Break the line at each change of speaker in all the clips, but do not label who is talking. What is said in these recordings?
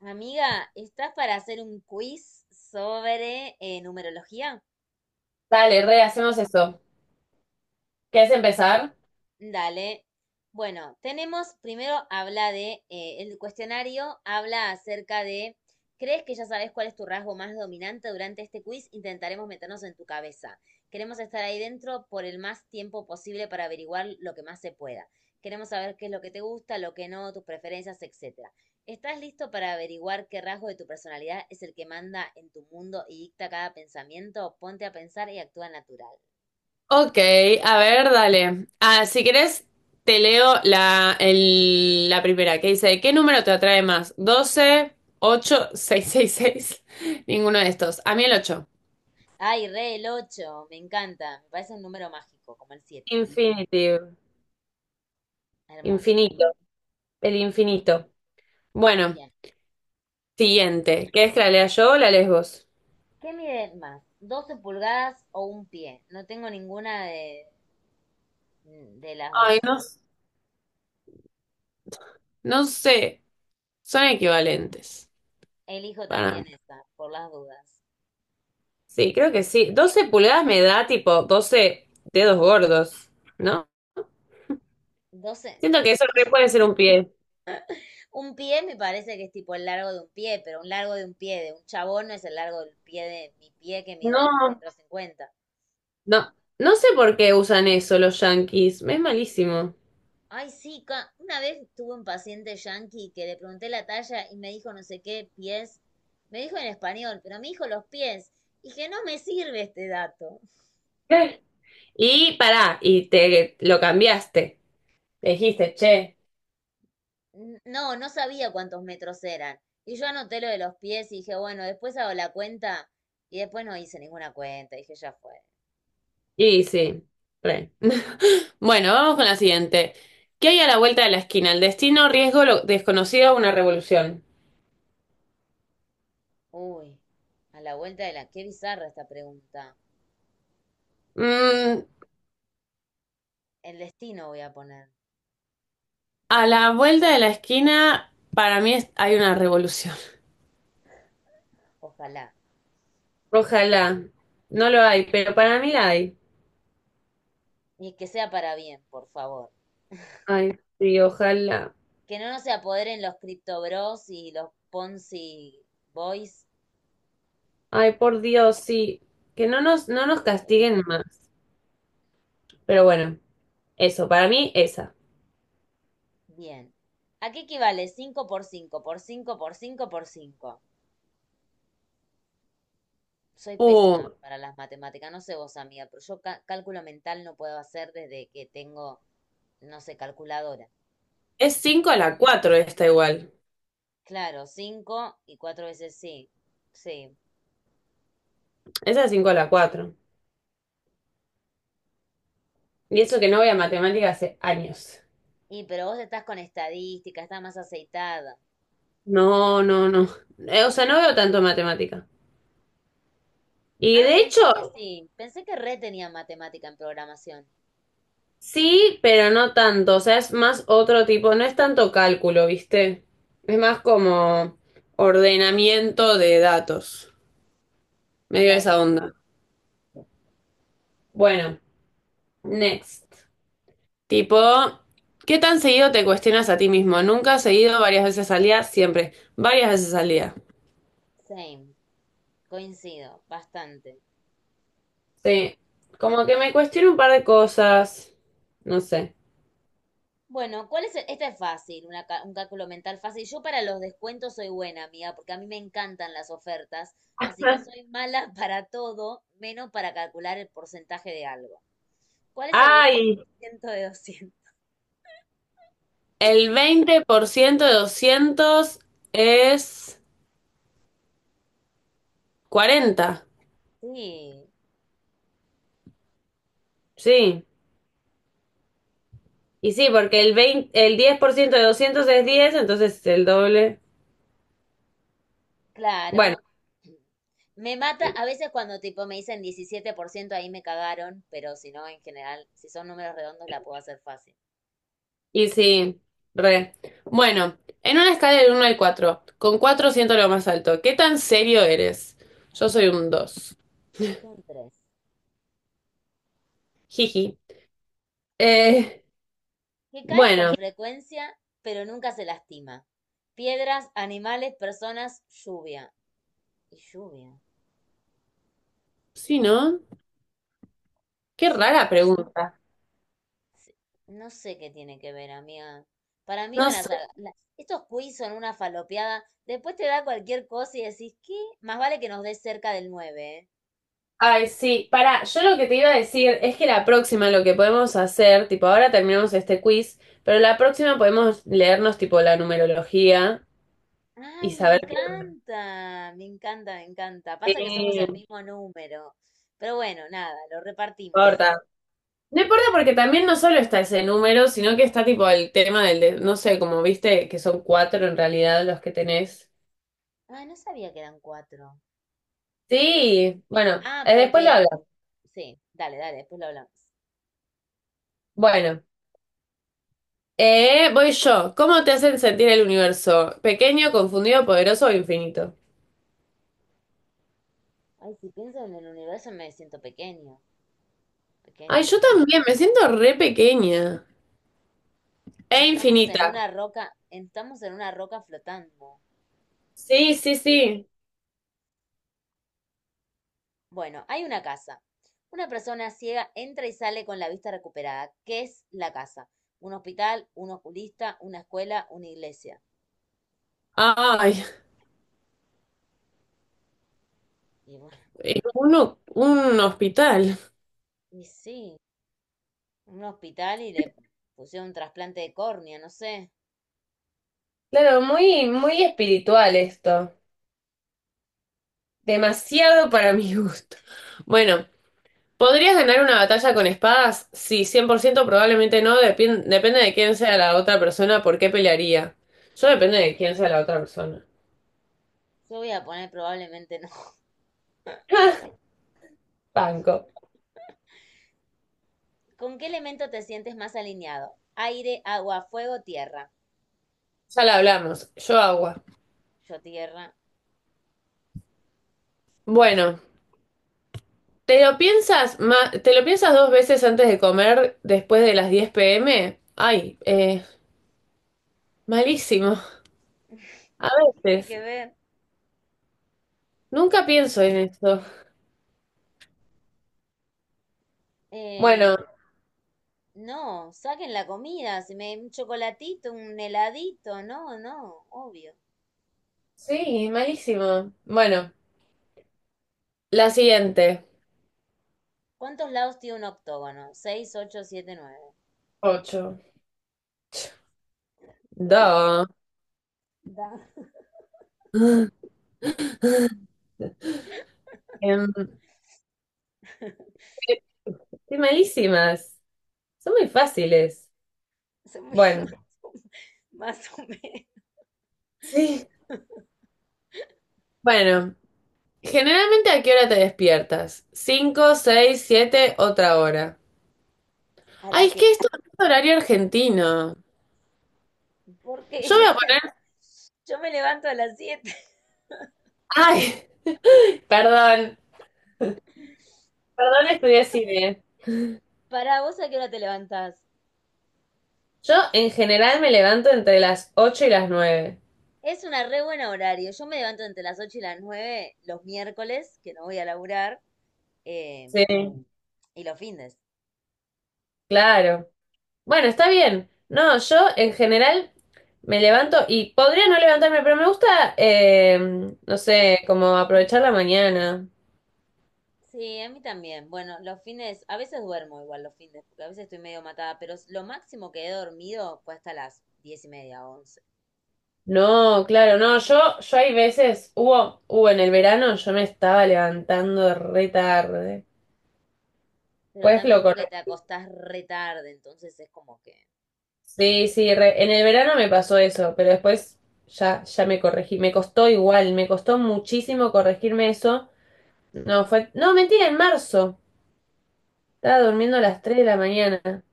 Amiga, ¿estás para hacer un quiz sobre numerología?
Dale, re, hacemos eso. ¿Quieres empezar?
Dale. Bueno, tenemos, primero el cuestionario habla acerca de, ¿crees que ya sabes cuál es tu rasgo más dominante durante este quiz? Intentaremos meternos en tu cabeza. Queremos estar ahí dentro por el más tiempo posible para averiguar lo que más se pueda. Queremos saber qué es lo que te gusta, lo que no, tus preferencias, etcétera. ¿Estás listo para averiguar qué rasgo de tu personalidad es el que manda en tu mundo y dicta cada pensamiento? Ponte a pensar y actúa natural.
Ok, a ver, dale. Ah, si querés, te leo la primera que dice, ¿qué número te atrae más? 12, 8, 6 Ninguno de estos. A mí el ocho.
Ay, re el 8, me encanta, me parece un número mágico, como el 7.
Infinitive.
Hermoso.
Infinito. El infinito. Bueno,
Bien.
siguiente. ¿Querés que la lea yo o la lees vos?
¿Qué mide más, 12 pulgadas o un pie? No tengo ninguna de las dos.
Ay, no. No sé. Son equivalentes.
Elijo
Para mí.
también esa, por las dudas.
Sí, creo que sí. 12 pulgadas me da tipo 12 dedos gordos, ¿no?
12.
Siento que eso re puede ser un pie.
Un pie me parece que es tipo el largo de un pie, pero un largo de un pie de un chabón no es el largo del pie de mi pie que mido un
No,
metro cincuenta.
no, no sé por qué usan eso los yankees. Es malísimo.
Ay, sí, una vez tuve un paciente yanqui que le pregunté la talla y me dijo no sé qué pies. Me dijo en español, pero me dijo los pies. Y que no me sirve este dato.
¿Qué? Y pará, y te lo cambiaste. Le dijiste, che.
No sabía cuántos metros eran. Y yo anoté lo de los pies y dije, bueno, después hago la cuenta. Y después no hice ninguna cuenta. Dije, ya fue.
Y sí, re. Bueno, vamos con la siguiente. ¿Qué hay a la vuelta de la esquina? El destino, riesgo, lo desconocido, una revolución.
Uy, a la vuelta de la... Qué bizarra esta pregunta.
Mm,
El destino voy a poner.
a la vuelta de la esquina, para mí hay una revolución.
Ojalá.
Ojalá. No lo hay, pero para mí la hay.
Y que sea para bien, por favor.
Ay, sí, ojalá.
Que no nos se apoderen los Crypto Bros y los Ponzi Boys.
Ay, por Dios, sí. Que no nos
Otros.
castiguen más. Pero bueno, eso, para mí esa.
Bien. ¿A qué equivale 5 por 5 por 5 por 5 por cinco? Soy
Uh,
pésima para las matemáticas, no sé vos, amiga, pero yo cálculo mental no puedo hacer desde que tengo, no sé, calculadora.
es 5 a la cuatro esta igual.
Claro, 5 y 4 veces, sí. Sí.
Esa es cinco a la cuatro. Y eso que no voy a matemática hace años.
Y pero vos estás con estadística, estás más aceitada.
No, no, no. O sea, no veo tanto matemática. Y
Ah,
de
pensé
hecho,
que sí, pensé que re tenía matemática en programación.
sí, pero no tanto, o sea, es más otro tipo, no es tanto cálculo, ¿viste? Es más como ordenamiento de datos, medio
Claro,
esa onda. Bueno, next. Tipo, ¿qué tan seguido te cuestionas a ti mismo? Nunca seguido, varias veces al día, siempre, varias veces al día.
same. Coincido, bastante.
Sí, como que me cuestiono un par de cosas, no sé.
Bueno, Esta es fácil, un cálculo mental fácil. Yo para los descuentos soy buena, amiga, porque a mí me encantan las ofertas, así que soy mala para todo, menos para calcular el porcentaje de algo. ¿Cuál es el veinte por
Ay,
ciento de doscientos
el 20% de 200 es 40.
Sí,
Sí. Y sí, porque el 10% de 200 es 10, entonces el doble. Bueno,
claro. Me mata a veces cuando tipo me dicen 17%, ahí me cagaron, pero si no, en general, si son números redondos, la puedo hacer fácil.
y sí, re. Bueno, en una escala del uno al cuatro, con 4 siento lo más alto. ¿Qué tan serio eres? Yo soy un dos.
Son tres.
Jiji. Eh,
Que cae con
bueno,
frecuencia, pero nunca se lastima. Piedras, animales, personas, lluvia. Y lluvia.
sí, ¿no? Qué
Sí.
rara pregunta.
Sí. No sé qué tiene que ver, amiga. Para mí
No
van a ser
sé.
Estos quiz son una falopeada. Después te da cualquier cosa y decís, ¿qué? Más vale que nos des cerca del nueve, ¿eh?
Ay, sí. Pará, yo lo que te iba a decir es que la próxima lo que podemos hacer, tipo, ahora terminamos este quiz, pero la próxima podemos leernos, tipo, la numerología y
Ay, me
saber
encanta, me encanta, me encanta. Pasa que somos el
qué
mismo número. Pero bueno, nada, lo repartimos.
importa. No importa, porque también no solo está ese número, sino que está tipo el tema no sé, como viste que son cuatro en realidad los que tenés.
Ah, no sabía que eran cuatro.
Sí, bueno,
Ah,
después lo
porque
hablamos.
Sí, dale, dale, después lo hablamos.
Bueno, voy yo. ¿Cómo te hacen sentir el universo? ¿Pequeño, confundido, poderoso o infinito?
Ay, si pienso en el universo me siento pequeño,
Ay,
pequeño.
yo también, me siento re pequeña. E
Estamos en
infinita.
una roca, estamos en una roca flotando.
Sí, sí, sí.
Bueno, hay una casa. Una persona ciega entra y sale con la vista recuperada. ¿Qué es la casa? Un hospital, un oculista, una escuela, una iglesia.
Ay,
Y bueno,
un hospital.
y sí, un hospital y le pusieron un trasplante de córnea, no sé.
Claro, muy, muy espiritual esto. Demasiado para mi gusto. Bueno, ¿podrías ganar una batalla con espadas? Sí, 100% probablemente no, depende de quién sea la otra persona, por qué pelearía. Yo depende de quién sea la otra persona.
Yo voy a poner probablemente no.
Banco.
¿Con qué elemento te sientes más alineado? Aire, agua, fuego, tierra.
Ya la hablamos, yo agua.
Yo tierra.
Bueno, ¿te lo piensas te lo piensas 2 veces antes de comer después de las 10 p.m.? Ay, malísimo. A
¿Qué tiene que
veces.
ver?
Nunca pienso en esto.
Eh,
Bueno,
no, saquen la comida, si me un chocolatito, un heladito, no, no, obvio.
sí, malísimo. Bueno, la siguiente.
¿Cuántos lados tiene un octógono? ¿Seis, ocho, siete, nueve?
Ocho. Dos.
Da.
Em, Estoy malísimas. Son muy fáciles.
se me-
Bueno,
Más o menos.
sí. Bueno, generalmente ¿a qué hora te despiertas? ¿Cinco, seis, siete, otra hora?
A
Ay,
las
es que
siete.
esto no es horario argentino.
Porque
Yo voy a poner...
yo me levanto a las 7.
Ay, perdón. Perdón,
Ay,
estudié cine.
¿para vos a qué hora te levantás?
Yo en general me levanto entre las 8 y las 9.
Es una re buena horario. Yo me levanto entre las 8 y las 9 los miércoles, que no voy a laburar, eh,
Sí,
y los fines.
claro. Bueno, está bien. No, yo en general me levanto y podría no levantarme, pero me gusta, no sé, como aprovechar la mañana.
Sí, a mí también. Bueno, los fines, a veces duermo igual los fines, porque a veces estoy medio matada, pero lo máximo que he dormido fue hasta las 10 y media, 11.
No, claro, no, yo hay veces, hubo en el verano, yo me estaba levantando re tarde.
Pero
Pues
también
lo
porque te
corregí.
acostás re tarde, entonces es como que,
Sí, sí, en el verano me pasó eso, pero después ya me corregí. Me costó igual, me costó muchísimo corregirme eso. No, fue, no, mentira, en marzo. Estaba durmiendo a las 3 de la mañana.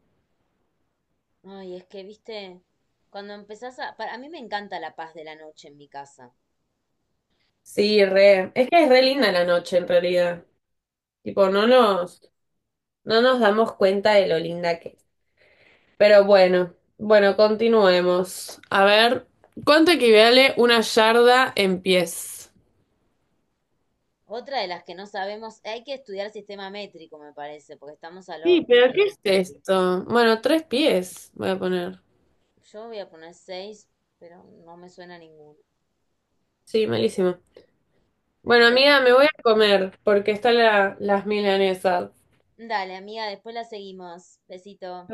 ay, es que, viste, cuando a mí me encanta la paz de la noche en mi casa.
Sí, re. Es que es re linda la noche en realidad. Tipo,
Sí.
no nos damos cuenta de lo linda que es. Pero bueno, bueno, continuemos. A ver, ¿cuánto equivale una yarda en pies?
Otra de las que no sabemos, hay que estudiar sistema métrico, me parece, porque estamos al
Sí,
horno,
pero ¿qué
amiga.
es esto? Bueno, 3 pies voy a poner.
Yo voy a poner seis, pero no me suena ninguno.
Sí, malísimo. Bueno,
Bueno,
amiga, me voy a comer porque están las milanesas.
dale, amiga, después la seguimos. Besito.